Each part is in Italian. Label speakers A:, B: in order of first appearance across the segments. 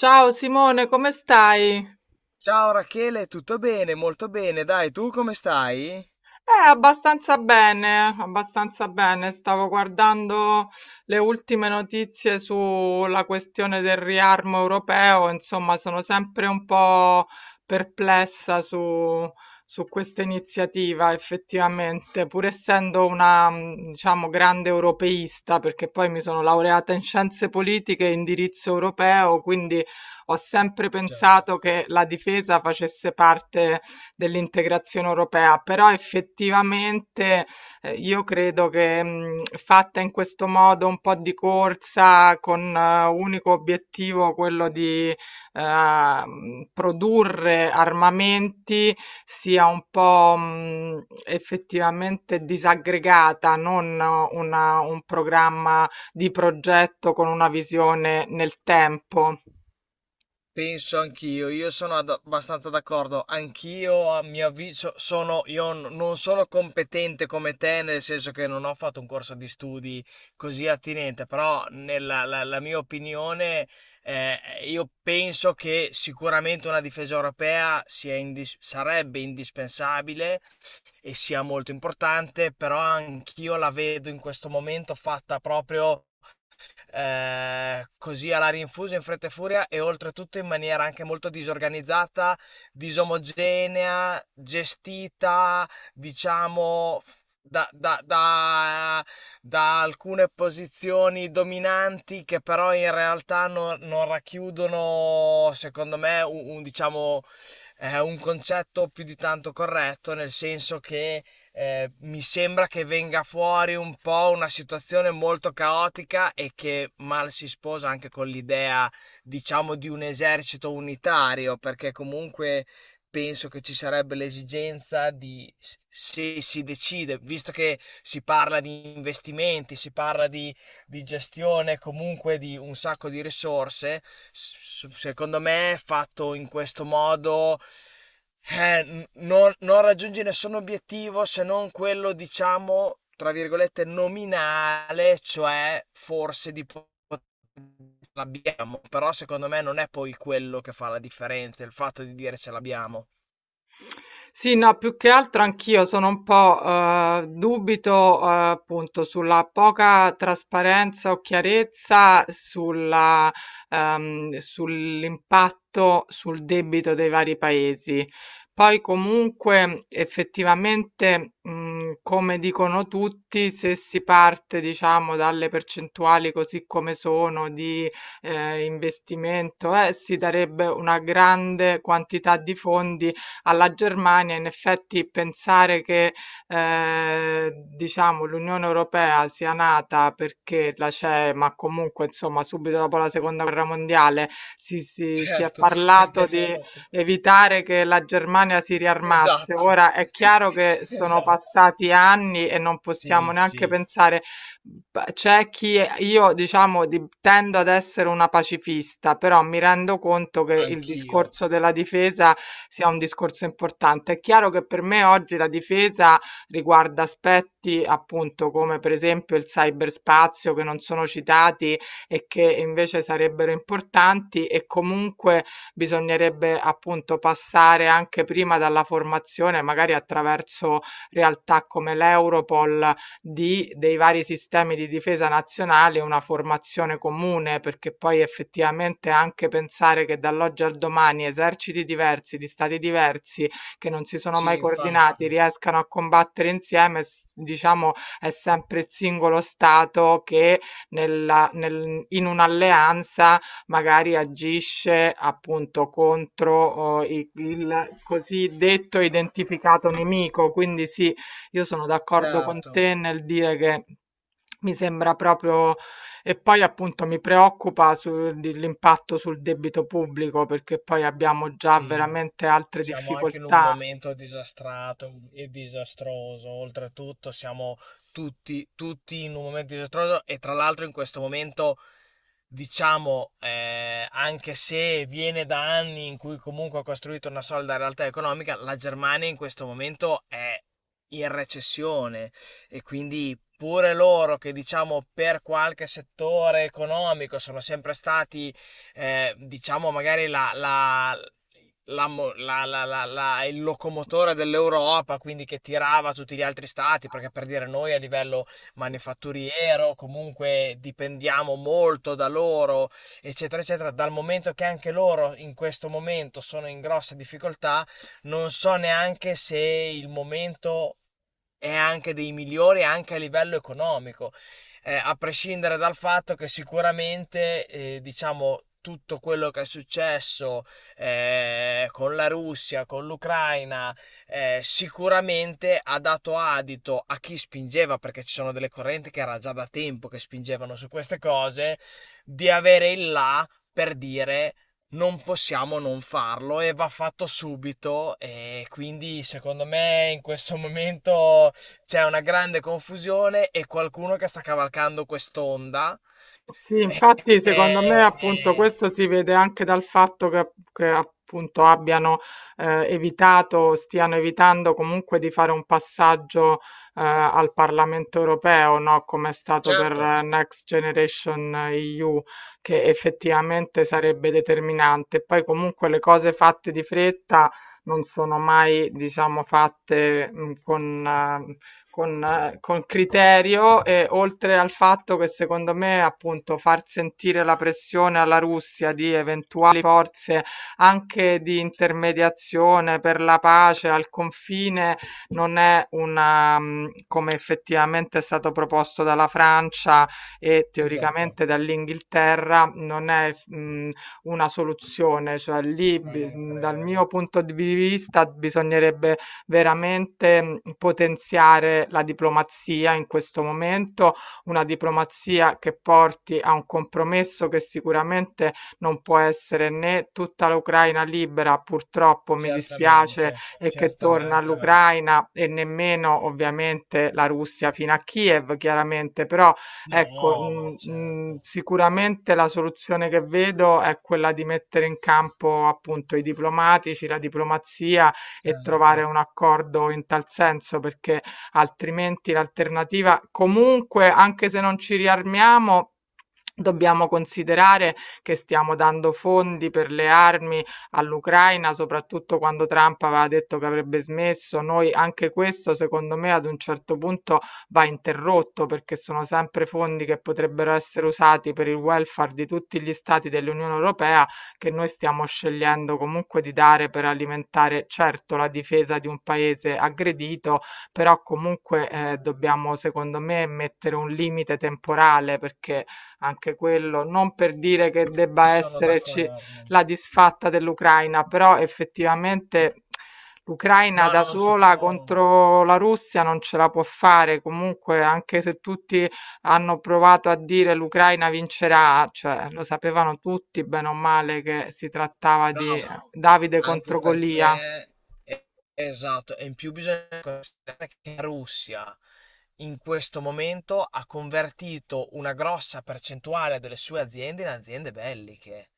A: Ciao Simone, come stai?
B: Ciao Rachele, tutto bene? Molto bene, dai, tu come stai?
A: Abbastanza bene, abbastanza bene. Stavo guardando le ultime notizie sulla questione del riarmo europeo, insomma, sono sempre un po' perplessa su questa iniziativa, effettivamente, pur essendo una, diciamo, grande europeista, perché poi mi sono laureata in scienze politiche e indirizzo europeo, quindi ho sempre
B: Ciao.
A: pensato che la difesa facesse parte dell'integrazione europea, però effettivamente io credo che fatta in questo modo un po' di corsa con unico obiettivo quello di eh, produrre armamenti sia un po' effettivamente disaggregata, non un programma di progetto con una visione nel tempo.
B: Penso anch'io, io sono abbastanza d'accordo, anch'io a mio avviso sono, non sono competente come te, nel senso che non ho fatto un corso di studi così attinente, però la mia opinione, eh, io penso che sicuramente una difesa europea sarebbe indispensabile e sia molto importante, però anch'io la vedo in questo momento fatta proprio così alla rinfusa, in fretta e furia, e oltretutto in maniera anche molto disorganizzata, disomogenea, gestita, diciamo, da, da- da- da alcune posizioni dominanti che però in realtà non racchiudono, secondo me, un, diciamo, un concetto più di tanto corretto, nel senso che mi sembra che venga fuori un po' una situazione molto caotica e che mal si sposa anche con l'idea, diciamo, di un esercito unitario, perché comunque penso che ci sarebbe l'esigenza di, se si decide, visto che si parla di investimenti, si parla di gestione comunque di un sacco di risorse, secondo me fatto in questo modo, non raggiungi nessun obiettivo se non quello, diciamo, tra virgolette, nominale, cioè forse l'abbiamo, però secondo me non è poi quello che fa la differenza, il fatto di dire ce l'abbiamo.
A: Sì, no, più che altro anch'io sono un po', dubito, appunto sulla poca trasparenza o chiarezza sulla sull'impatto sul debito dei vari paesi. Poi comunque effettivamente, come dicono tutti, se si parte, diciamo, dalle percentuali così come sono di investimento, si darebbe una grande quantità di fondi alla Germania, in effetti pensare che diciamo l'Unione Europea sia nata perché la CE, ma comunque insomma subito dopo la Seconda Guerra Mondiale si, si, si è
B: Certo,
A: parlato
B: perché ce l'ha
A: di
B: fatta.
A: evitare che la Germania si riarmasse.
B: Esatto.
A: Ora è chiaro che sono
B: Esatto.
A: passati anni e non possiamo
B: Sì,
A: neanche
B: sì,
A: pensare. Beh, c'è chi io diciamo tendo ad essere una pacifista, però mi rendo conto che il
B: anch'io.
A: discorso della difesa sia un discorso importante. È chiaro che per me oggi la difesa riguarda aspetti appunto come per esempio il cyberspazio che non sono citati e che invece sarebbero importanti e comunque bisognerebbe appunto passare anche prima dalla formazione, magari attraverso realtà come l'Europol di dei vari sistemi di difesa nazionali una formazione comune, perché poi effettivamente anche pensare che dall'oggi al domani eserciti diversi di stati diversi che non si sono mai
B: Sì,
A: coordinati
B: infatti.
A: riescano a combattere insieme, diciamo, è sempre il singolo stato che in un'alleanza magari agisce appunto contro oh, il cosiddetto identificato nemico, quindi sì, io sono d'accordo con
B: Certo.
A: te nel dire che mi sembra proprio. E poi appunto mi preoccupa l'impatto sul debito pubblico perché poi abbiamo già
B: Sì.
A: veramente altre
B: Siamo anche in un
A: difficoltà.
B: momento disastrato e disastroso, oltretutto siamo tutti in un momento disastroso e tra l'altro in questo momento, diciamo, anche se viene da anni in cui comunque ha costruito una solida realtà economica, la Germania in questo momento è in recessione, e quindi pure loro che diciamo per qualche settore economico sono sempre stati, diciamo magari la il locomotore dell'Europa, quindi che tirava tutti gli altri stati, perché per dire noi a livello manifatturiero comunque dipendiamo molto da loro, eccetera, eccetera. Dal momento che anche loro in questo momento sono in grosse difficoltà, non so neanche se il momento è anche dei migliori anche a livello economico, a prescindere dal fatto che sicuramente, diciamo, tutto quello che è successo con la Russia, con l'Ucraina, sicuramente ha dato adito a chi spingeva, perché ci sono delle correnti che era già da tempo che spingevano su queste cose, di avere il là per dire non possiamo non farlo e va fatto subito. E quindi secondo me in questo momento c'è una grande confusione e qualcuno che sta cavalcando quest'onda.
A: Sì,
B: E-
A: infatti
B: e-
A: secondo me appunto questo si vede anche dal fatto che appunto abbiano evitato, stiano evitando comunque di fare un passaggio al Parlamento europeo, no? Come è stato per
B: certo,
A: Next Generation EU, che effettivamente sarebbe determinante. Poi comunque le cose fatte di fretta non sono mai, diciamo, fatte con criterio e oltre al fatto che secondo me appunto far sentire la pressione alla Russia di eventuali forze anche di intermediazione per la pace al confine non è una, come effettivamente è stato proposto dalla Francia e
B: esatto,
A: teoricamente dall'Inghilterra, non è una soluzione, cioè
B: ma non
A: dal mio
B: credo.
A: punto di vista bisognerebbe veramente potenziare la diplomazia in questo momento, una diplomazia che porti a un compromesso che sicuramente non può essere né tutta l'Ucraina libera, purtroppo mi dispiace,
B: Certamente,
A: e che
B: certamente,
A: torna
B: anche a me.
A: all'Ucraina e nemmeno ovviamente la Russia fino a Kiev, chiaramente, però ecco,
B: No, beh,
A: mhmm, mhmm,
B: certo,
A: sicuramente la soluzione che vedo è quella di mettere in campo appunto i diplomatici, la diplomazia e trovare
B: certo,
A: un accordo in tal senso, perché altrimenti l'alternativa comunque, anche se non ci riarmiamo, dobbiamo considerare che stiamo dando fondi per le armi all'Ucraina, soprattutto quando Trump aveva detto che avrebbe smesso. Noi anche questo, secondo me, ad un certo punto va interrotto perché sono sempre fondi che potrebbero essere usati per il welfare di tutti gli stati dell'Unione Europea che noi stiamo scegliendo comunque di dare per alimentare certo la difesa di un paese aggredito, però comunque dobbiamo secondo me mettere un limite temporale perché anche quello non per dire che
B: ci
A: debba
B: sono
A: esserci
B: d'accordo.
A: la disfatta dell'Ucraina, però effettivamente l'Ucraina
B: No,
A: da
B: non si
A: sola
B: può.
A: contro la Russia non ce la può fare, comunque anche se tutti hanno provato a dire l'Ucraina vincerà, cioè lo sapevano tutti bene o male che si trattava
B: No,
A: di
B: ma
A: Davide
B: anche
A: contro Golia.
B: perché eh, esatto, e in più bisogna considerare che la Russia in questo momento ha convertito una grossa percentuale delle sue aziende in aziende belliche.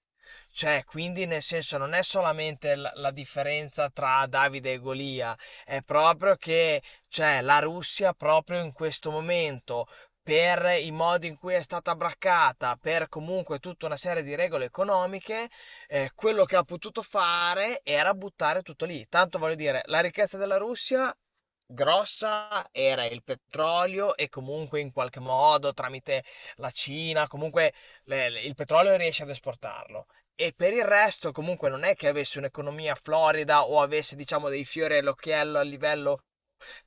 B: Cioè, quindi nel senso non è solamente la differenza tra Davide e Golia, è proprio che, cioè, la Russia proprio in questo momento, per i modi in cui è stata braccata, per comunque tutta una serie di regole economiche, quello che ha potuto fare era buttare tutto lì. Tanto voglio dire, la ricchezza della Russia grossa era il petrolio, e comunque in qualche modo tramite la Cina, comunque il petrolio riesce ad esportarlo. E per il resto comunque non è che avesse un'economia florida o avesse diciamo dei fiori all'occhiello a livello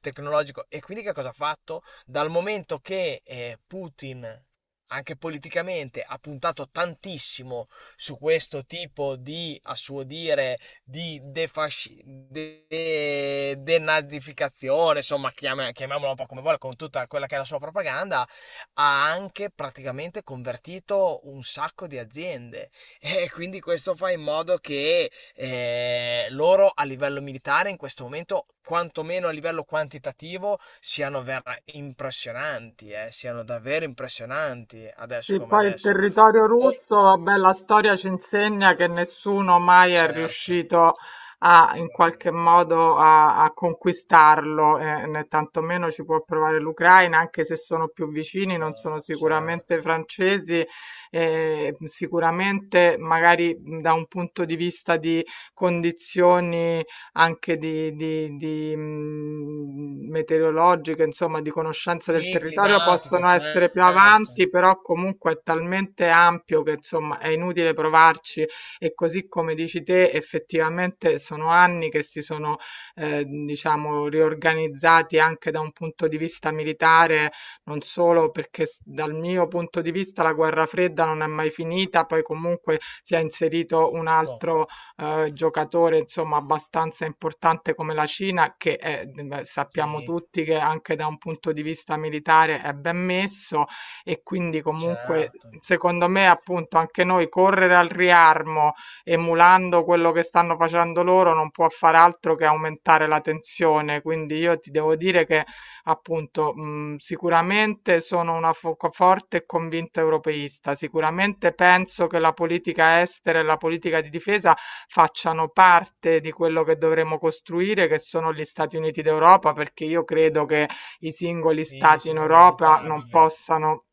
B: tecnologico. E quindi che cosa ha fatto? Dal momento che, Putin anche politicamente ha puntato tantissimo su questo tipo di, a suo dire, denazificazione, insomma, chiamiamola un po' come vuole, con tutta quella che è la sua propaganda, ha anche praticamente convertito un sacco di aziende. E quindi questo fa in modo che, loro a livello militare in questo momento, quantomeno a livello quantitativo, impressionanti, siano davvero impressionanti adesso
A: Sì,
B: come
A: poi il
B: adesso.
A: territorio
B: O-
A: russo, vabbè, la storia ci insegna che nessuno mai è
B: Certo,
A: riuscito in qualche
B: mhmm,
A: modo a conquistarlo, né tantomeno ci può provare l'Ucraina, anche se sono più vicini, non sono
B: no,
A: sicuramente
B: certo.
A: francesi, sicuramente magari da un punto di vista di condizioni anche di meteorologiche, insomma, di conoscenza del
B: Sì,
A: territorio
B: climatica,
A: possono essere più
B: certo.
A: avanti, però comunque è talmente ampio che insomma è inutile provarci e così come dici te, effettivamente sono anni che si sono diciamo riorganizzati anche da un punto di vista militare, non solo perché dal mio punto di vista la guerra fredda non è mai finita, poi comunque si è inserito un
B: To
A: altro giocatore insomma abbastanza importante come la Cina, beh, sappiamo
B: sì,
A: tutti che anche da un punto di vista militare è ben messo e quindi comunque
B: certo.
A: secondo me appunto anche noi correre al riarmo emulando quello che stanno facendo loro non può far altro che aumentare la tensione. Quindi io ti devo dire che appunto, mhmm, sicuramente sono una fo co forte e convinta europeista, sicuramente penso che la politica estera e la politica di difesa facciano parte di quello che dovremo costruire, che sono gli Stati Uniti d'Europa, perché io credo che i singoli
B: Sì,
A: stati in
B: sono
A: Europa non
B: inevitabile.
A: possano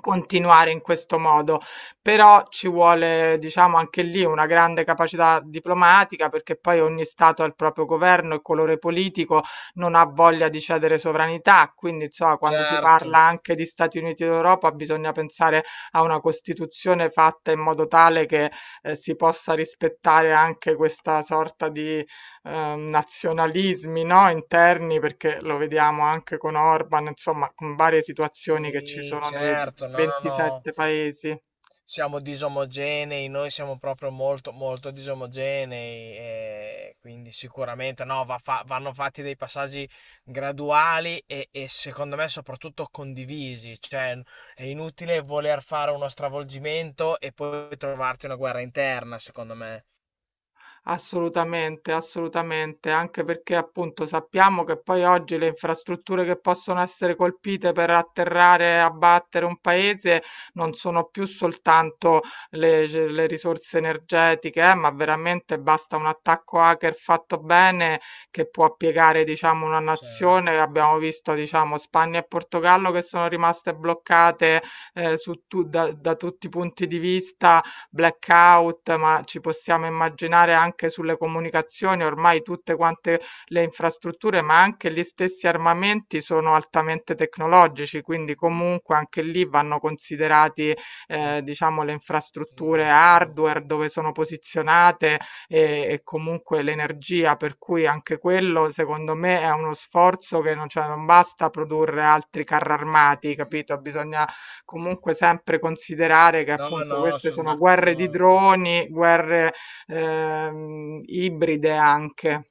A: continuare in questo modo. Però ci vuole, diciamo, anche lì una grande capacità diplomatica, perché poi ogni stato ha il proprio governo, il colore politico non ha voglia di cedere sovranità, quindi insomma quando si
B: Certo.
A: parla anche di Stati Uniti d'Europa bisogna pensare a una Costituzione fatta in modo tale che si possa rispettare anche questa sorta di nazionalismi, no? Interni, perché lo vediamo anche con Orban, insomma con varie situazioni che ci
B: Sì,
A: sono nei
B: certo. No, no, no.
A: 27 paesi.
B: Siamo disomogenei, noi siamo proprio molto, molto disomogenei, e quindi sicuramente no, vanno fatti dei passaggi graduali e secondo me soprattutto condivisi, cioè è inutile voler fare uno stravolgimento e poi trovarti una guerra interna, secondo me.
A: Assolutamente, assolutamente, anche perché appunto sappiamo che poi oggi le infrastrutture che possono essere colpite per atterrare e abbattere un paese non sono più soltanto le risorse energetiche, ma veramente basta un attacco hacker fatto bene che può piegare, diciamo, una
B: Certo,
A: nazione. Abbiamo visto, diciamo, Spagna e Portogallo che sono rimaste bloccate su tu- da da tutti i punti di vista blackout, ma ci possiamo immaginare anche sulle comunicazioni, ormai tutte quante le infrastrutture, ma anche gli stessi armamenti sono altamente tecnologici, quindi comunque anche lì vanno considerati
B: sì,
A: diciamo le
B: sì,
A: infrastrutture
B: sì.
A: hardware dove sono posizionate e comunque l'energia, per cui anche quello secondo me è uno sforzo che non, cioè, non basta produrre altri carri armati, capito? Bisogna comunque sempre considerare che
B: No,
A: appunto
B: no,
A: queste
B: sono
A: sono guerre di
B: d'accordo.
A: droni, guerre ibride anche.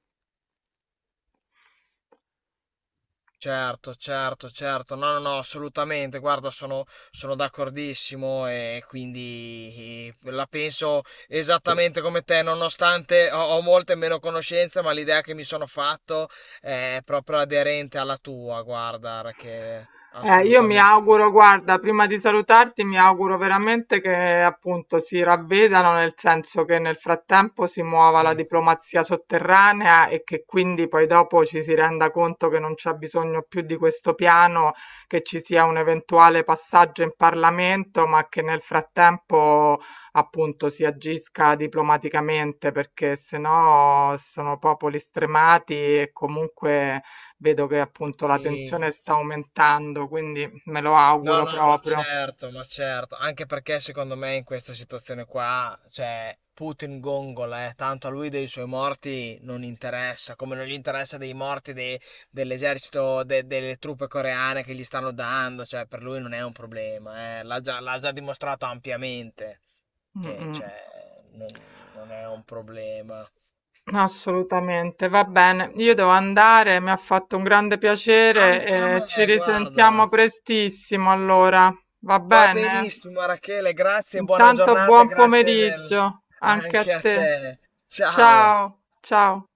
B: Certo, certo, certo, no, no, no, assolutamente, guarda, sono, sono d'accordissimo, e quindi la penso esattamente come te, nonostante ho, ho molte meno conoscenze, ma l'idea che mi sono fatto è proprio aderente alla tua, guarda, Rachele,
A: Io mi
B: assolutamente.
A: auguro, guarda, prima di salutarti, mi auguro veramente che appunto si ravvedano, nel senso che nel frattempo si muova la
B: Sì,
A: diplomazia sotterranea e che quindi poi dopo ci si renda conto che non c'è bisogno più di questo piano, che ci sia un eventuale passaggio in Parlamento, ma che nel frattempo appunto si agisca diplomaticamente, perché sennò sono popoli stremati e comunque vedo che appunto la
B: sì.
A: tensione sta aumentando, quindi me lo
B: No,
A: auguro
B: no,
A: proprio.
B: ma certo, anche perché secondo me in questa situazione qua, cioè, Putin gongola, tanto a lui dei suoi morti non interessa, come non gli interessa dell'esercito, delle truppe coreane che gli stanno dando, cioè, per lui non è un problema, l'ha già dimostrato ampiamente
A: Mm,
B: che,
A: mm.
B: cioè, non è un problema.
A: Assolutamente, va bene. Io devo andare, mi ha fatto un grande
B: Anche a
A: piacere e
B: me,
A: ci
B: guarda.
A: risentiamo prestissimo allora. Va
B: Va
A: bene?
B: benissimo, Rachele, grazie, buona
A: Intanto
B: giornata e
A: buon
B: grazie del...
A: pomeriggio anche a
B: anche a
A: te.
B: te. Ciao.
A: Ciao, ciao.